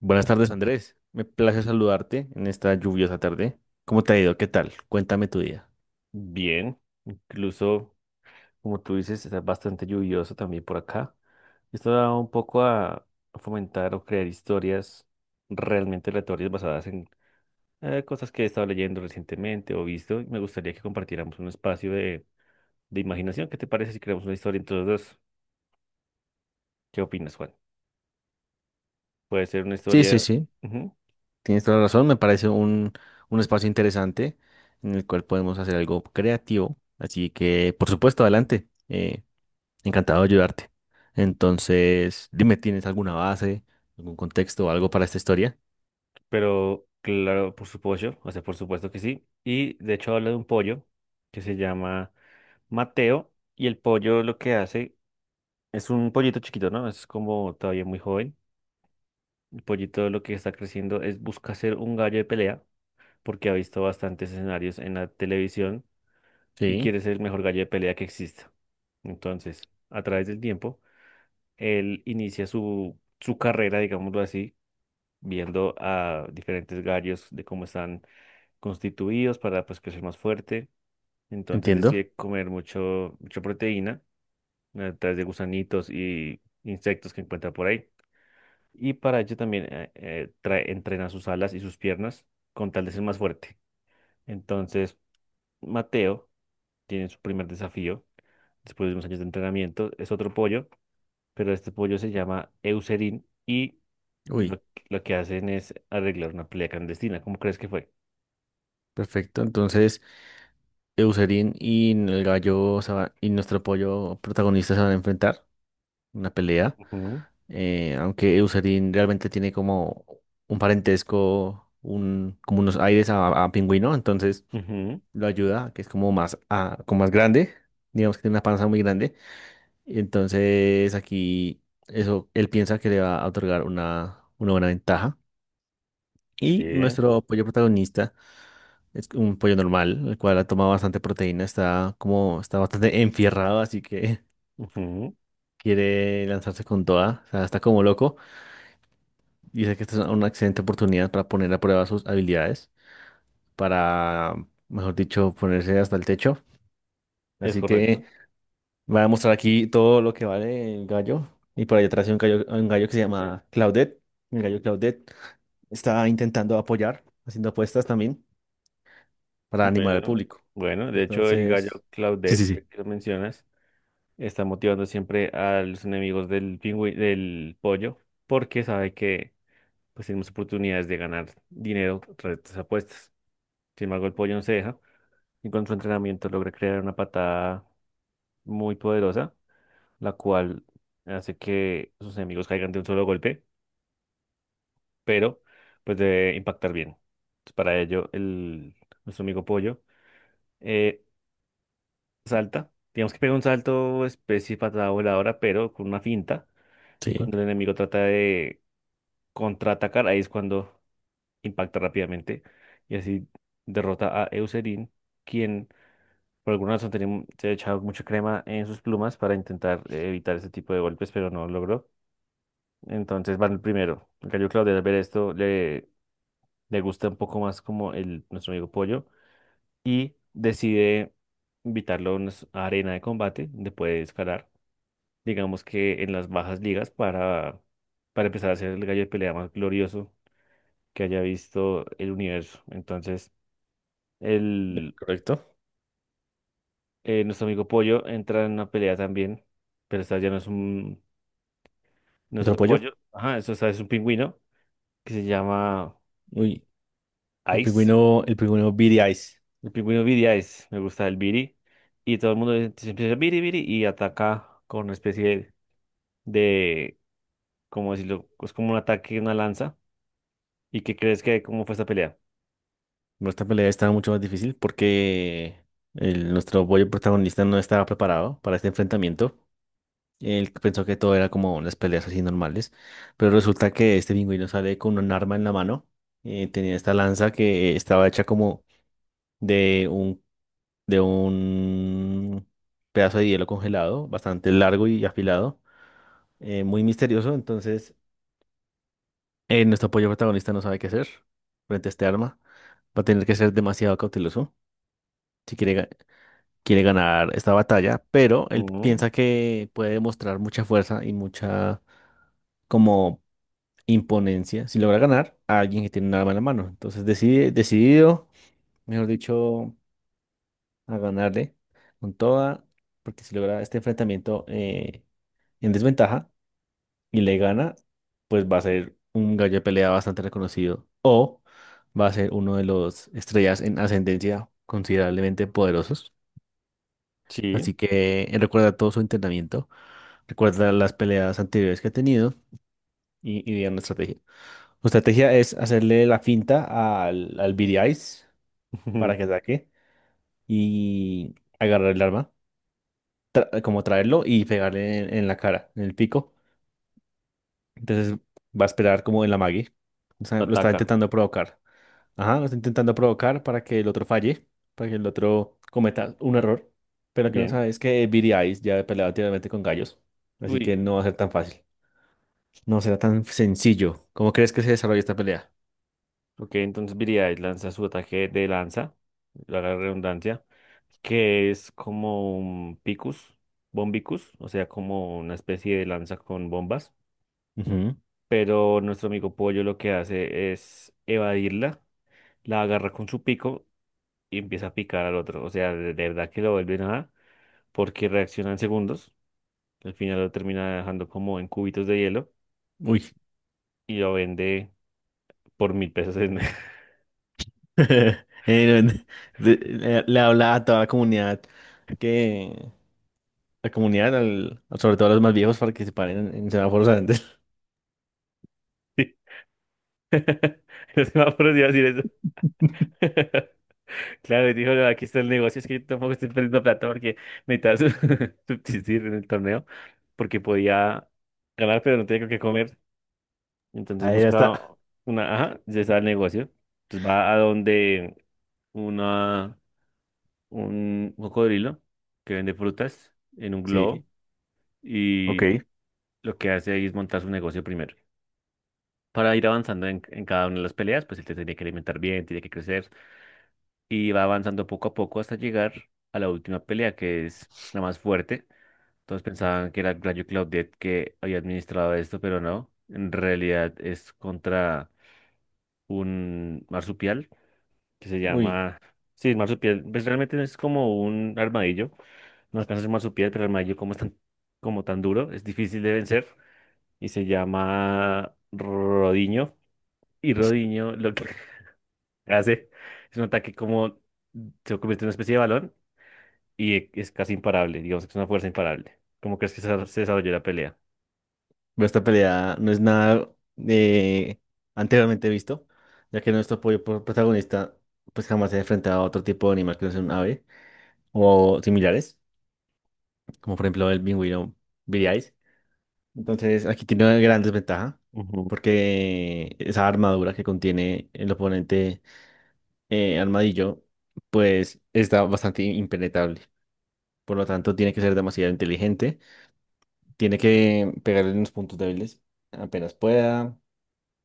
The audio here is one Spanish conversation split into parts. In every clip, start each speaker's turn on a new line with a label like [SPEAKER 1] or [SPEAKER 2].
[SPEAKER 1] Buenas tardes, Andrés. Me place saludarte en esta lluviosa tarde. ¿Cómo te ha ido? ¿Qué tal? Cuéntame tu día.
[SPEAKER 2] Bien, incluso como tú dices, está bastante lluvioso también por acá. Esto da un poco a fomentar o crear historias realmente aleatorias basadas en cosas que he estado leyendo recientemente o visto. Y me gustaría que compartiéramos un espacio de imaginación. ¿Qué te parece si creamos una historia entre los dos? ¿Qué opinas, Juan? Puede ser una
[SPEAKER 1] Sí, sí,
[SPEAKER 2] historia.
[SPEAKER 1] sí,
[SPEAKER 2] Ujú.
[SPEAKER 1] tienes toda la razón. Me parece un espacio interesante en el cual podemos hacer algo creativo. Así que, por supuesto, adelante. Encantado de ayudarte. Entonces, dime, ¿tienes alguna base, algún contexto o algo para esta historia?
[SPEAKER 2] Pero claro, por supuesto, o sea, por supuesto que sí. Y de hecho habla de un pollo que se llama Mateo y el pollo lo que hace es un pollito chiquito, ¿no? Es como todavía muy joven. El pollito lo que está creciendo es busca ser un gallo de pelea porque ha visto bastantes escenarios en la televisión y
[SPEAKER 1] Sí,
[SPEAKER 2] quiere ser el mejor gallo de pelea que exista. Entonces, a través del tiempo, él inicia su carrera, digámoslo así, viendo a diferentes gallos de cómo están constituidos para pues crecer más fuerte. Entonces
[SPEAKER 1] entiendo.
[SPEAKER 2] decide comer mucho, mucha proteína a través de gusanitos y insectos que encuentra por ahí. Y para ello también entrena sus alas y sus piernas con tal de ser más fuerte. Entonces, Mateo tiene su primer desafío después de unos años de entrenamiento. Es otro pollo, pero este pollo se llama Eucerin y
[SPEAKER 1] Uy,
[SPEAKER 2] lo, lo que hacen es arreglar una pelea clandestina. ¿Cómo crees que fue?
[SPEAKER 1] perfecto. Entonces, Eucerin y el gallo se va- y nuestro pollo protagonista se van a enfrentar en una pelea.
[SPEAKER 2] Ujú,
[SPEAKER 1] Aunque Eucerin realmente tiene como un parentesco, un, como unos aires a pingüino, entonces
[SPEAKER 2] ujú,
[SPEAKER 1] lo ayuda, que es como más, como más grande, digamos que tiene una panza muy grande, y entonces aquí eso, él piensa que le va a otorgar una buena ventaja. Y
[SPEAKER 2] sí,
[SPEAKER 1] nuestro pollo protagonista es un pollo normal, el cual ha tomado bastante proteína, está bastante enfierrado, así que
[SPEAKER 2] ujú,
[SPEAKER 1] quiere lanzarse con toda, o sea, está como loco. Dice que esta es una excelente oportunidad para poner a prueba sus habilidades, para, mejor dicho, ponerse hasta el techo.
[SPEAKER 2] es
[SPEAKER 1] Así
[SPEAKER 2] correcto.
[SPEAKER 1] que va a mostrar aquí todo lo que vale el gallo. Y por ahí atrás hay un gallo que se llama Claudette. El gallo Claudette está intentando apoyar, haciendo apuestas también para animar al
[SPEAKER 2] Bueno,
[SPEAKER 1] público.
[SPEAKER 2] bueno, de hecho el gallo
[SPEAKER 1] Entonces, Sí, sí,
[SPEAKER 2] Claudette, ya
[SPEAKER 1] sí,
[SPEAKER 2] que lo mencionas, está motivando siempre a los enemigos del pollo, porque sabe que pues tenemos oportunidades de ganar dinero tras estas apuestas. Sin embargo, el pollo no se deja y con su entrenamiento logra crear una patada muy poderosa, la cual hace que sus enemigos caigan de un solo golpe, pero pues debe impactar bien. Entonces, para ello, nuestro amigo pollo eh, salta. Digamos que pega un salto especie patada voladora, pero con una finta. Y
[SPEAKER 1] sí,
[SPEAKER 2] cuando el enemigo trata de contraatacar, ahí es cuando impacta rápidamente y así derrota a Eucerin, quien por alguna razón se ha echado mucha crema en sus plumas para intentar evitar ese tipo de golpes, pero no lo logró. Entonces van el primero. El gallo Claudio al ver esto le gusta un poco más como nuestro amigo Pollo y decide invitarlo a arena de combate donde puede escalar, digamos que en las bajas ligas para, empezar a hacer el gallo de pelea más glorioso que haya visto el universo. Entonces, el,
[SPEAKER 1] correcto.
[SPEAKER 2] nuestro amigo Pollo entra en una pelea también, pero esta ya no es
[SPEAKER 1] Otro
[SPEAKER 2] otro
[SPEAKER 1] apoyo.
[SPEAKER 2] pollo. Ajá, eso esta es un pingüino que se llama
[SPEAKER 1] Uy,
[SPEAKER 2] Ice.
[SPEAKER 1] el pingüino Beady Eyes.
[SPEAKER 2] El pingüino Viri Ice, me gusta el Viri. Y todo el mundo se empieza a Viri, Viri y ataca con una especie de, ¿cómo decirlo? Es como un ataque, una lanza. ¿Y qué crees que cómo fue esta pelea?
[SPEAKER 1] Bueno, esta pelea estaba mucho más difícil porque nuestro bollo protagonista no estaba preparado para este enfrentamiento. Él pensó que todo era como unas peleas así normales, pero resulta que este pingüino sale con un arma en la mano. Tenía esta lanza que estaba hecha como de un, de un pedazo de hielo congelado, bastante largo y afilado, muy misterioso. Entonces, nuestro pollo protagonista no sabe qué hacer frente a este arma. Va a tener que ser demasiado cauteloso si quiere ganar esta batalla, pero él
[SPEAKER 2] Ujú,
[SPEAKER 1] piensa que puede demostrar mucha fuerza y mucha como imponencia si logra ganar a alguien que tiene un arma en la mano. Entonces decide, decidido, mejor dicho, a ganarle con toda, porque si logra este enfrentamiento en desventaja y le gana, pues va a ser un gallo de pelea bastante reconocido o va a ser uno de los estrellas en ascendencia considerablemente poderosos.
[SPEAKER 2] sí,
[SPEAKER 1] Así que recuerda todo su entrenamiento, recuerda las peleas anteriores que ha tenido y diga una estrategia. Su estrategia es hacerle la finta al Billy Eyes para que ataque y agarrar el arma, como traerlo y pegarle en la cara, en el pico. Entonces va a esperar como en la Maggie. O sea,
[SPEAKER 2] lo
[SPEAKER 1] lo está
[SPEAKER 2] ataca.
[SPEAKER 1] intentando provocar. Ajá, está intentando provocar para que el otro falle, para que el otro cometa un error. Pero lo que no
[SPEAKER 2] Bien.
[SPEAKER 1] sabe es que Billy Eyes ya ha peleado anteriormente con gallos, así
[SPEAKER 2] Uy.
[SPEAKER 1] que no va a ser tan fácil. No será tan sencillo. ¿Cómo crees que se desarrolla esta pelea?
[SPEAKER 2] Ok, entonces Viridian lanza su ataque de lanza, la redundancia, que es como un Picus, Bombicus, o sea, como una especie de lanza con bombas.
[SPEAKER 1] Ujú.
[SPEAKER 2] Pero nuestro amigo Pollo lo que hace es evadirla, la agarra con su pico y empieza a picar al otro. O sea, de verdad que lo vuelve nada, porque reacciona en segundos. Al final lo termina dejando como en cubitos de hielo
[SPEAKER 1] Uy.
[SPEAKER 2] y lo vende por 1.000 pesos en.
[SPEAKER 1] No, le, le habla a toda la comunidad que la comunidad, sobre todo a los más viejos, para que se paren en semáforos antes.
[SPEAKER 2] No se me ha ocurrido decir eso. Claro, y dijo: "No, aquí está el negocio, es que yo tampoco estoy perdiendo plata porque necesitaba subsistir en el torneo, porque podía ganar, pero no tenía con qué comer. Entonces
[SPEAKER 1] Ahí ya
[SPEAKER 2] busca
[SPEAKER 1] está.
[SPEAKER 2] una, ajá, ya está el negocio. Entonces va a donde una, un cocodrilo que vende frutas en un
[SPEAKER 1] Sí.
[SPEAKER 2] globo
[SPEAKER 1] Ok.
[SPEAKER 2] y lo que hace ahí es montar su negocio primero. Para ir avanzando en cada una de las peleas, pues él te tiene que alimentar bien, tiene que crecer. Y va avanzando poco a poco hasta llegar a la última pelea, que es la más fuerte. Todos pensaban que era Gladio Claudette que había administrado esto, pero no. En realidad es contra un marsupial que se
[SPEAKER 1] Uy.
[SPEAKER 2] llama... Sí, el marsupial, pues realmente no es como un armadillo. No alcanza a ser marsupial, pero el armadillo como es tan, como tan duro, es difícil de vencer. Y se llama Rodiño. Y Rodiño lo que hace es un ataque como... Se convierte en una especie de balón y es casi imparable, digamos que es una fuerza imparable. ¿Cómo crees que se desarrolló la pelea?
[SPEAKER 1] Pero esta pelea no es nada eh, anteriormente visto, ya que nuestro protagonista pues jamás se ha enfrentado a otro tipo de animal que no sea un ave o similares, como por ejemplo el pingüino viriáis. Entonces aquí tiene una gran desventaja,
[SPEAKER 2] Ujú.
[SPEAKER 1] porque esa armadura que contiene el oponente armadillo pues está bastante impenetrable. Por lo tanto, tiene que ser demasiado inteligente, tiene que pegarle en los puntos débiles apenas pueda.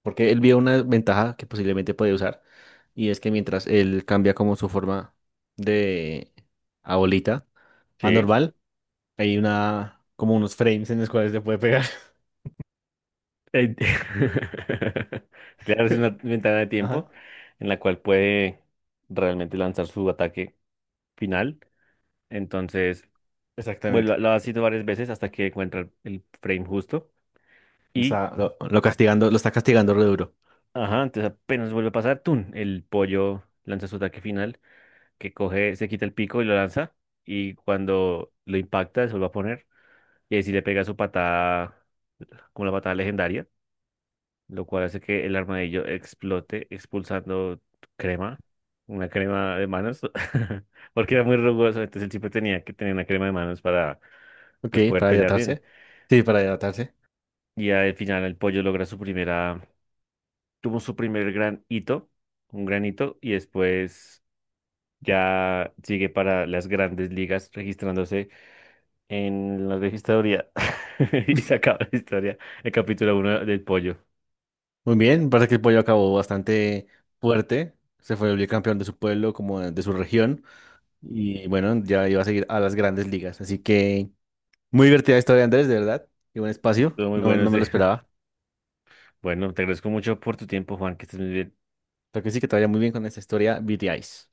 [SPEAKER 1] Porque él vio una ventaja que posiblemente puede usar. Y es que mientras él cambia como su forma de a bolita a
[SPEAKER 2] Sí.
[SPEAKER 1] normal, hay una como unos frames en los cuales le puede pegar.
[SPEAKER 2] Eh, Claro, es una ventana de
[SPEAKER 1] Ajá,
[SPEAKER 2] tiempo en la cual puede realmente lanzar su ataque final. Entonces, bueno, lo,
[SPEAKER 1] exactamente.
[SPEAKER 2] lo ha sido varias veces hasta que encuentra el frame justo.
[SPEAKER 1] O
[SPEAKER 2] Y,
[SPEAKER 1] sea, lo castigando, lo está castigando re duro.
[SPEAKER 2] ajá, entonces apenas vuelve a pasar, ¡tun! El pollo lanza su ataque final, que coge, se quita el pico y lo lanza. Y cuando lo impacta, se vuelve a poner. Y ahí sí le pega su patada, como la patada legendaria, lo cual hace que el armadillo explote, expulsando crema, una crema de manos, porque era muy rugoso, entonces él siempre tenía que tener una crema de manos para
[SPEAKER 1] Ok,
[SPEAKER 2] pues poder
[SPEAKER 1] para
[SPEAKER 2] pelear bien.
[SPEAKER 1] hidratarse. Sí, para hidratarse.
[SPEAKER 2] Y al final el pollo logra su primera, tuvo su primer gran hito, un gran hito, y después ya sigue para las grandes ligas registrándose en la vieja historia. Y se acaba la historia, el capítulo uno del pollo.
[SPEAKER 1] Muy bien, parece que el pollo acabó bastante fuerte, se fue el campeón de su pueblo, como de su región, y bueno, ya iba a seguir a las grandes ligas. Así que muy divertida historia, Andrés, de verdad, y buen espacio,
[SPEAKER 2] Estuvo muy
[SPEAKER 1] no,
[SPEAKER 2] bueno
[SPEAKER 1] no me lo
[SPEAKER 2] ese.
[SPEAKER 1] esperaba.
[SPEAKER 2] Bueno, te agradezco mucho por tu tiempo, Juan, que estés muy bien.
[SPEAKER 1] Pero que sí, que te vaya muy bien con esta historia, BTIs.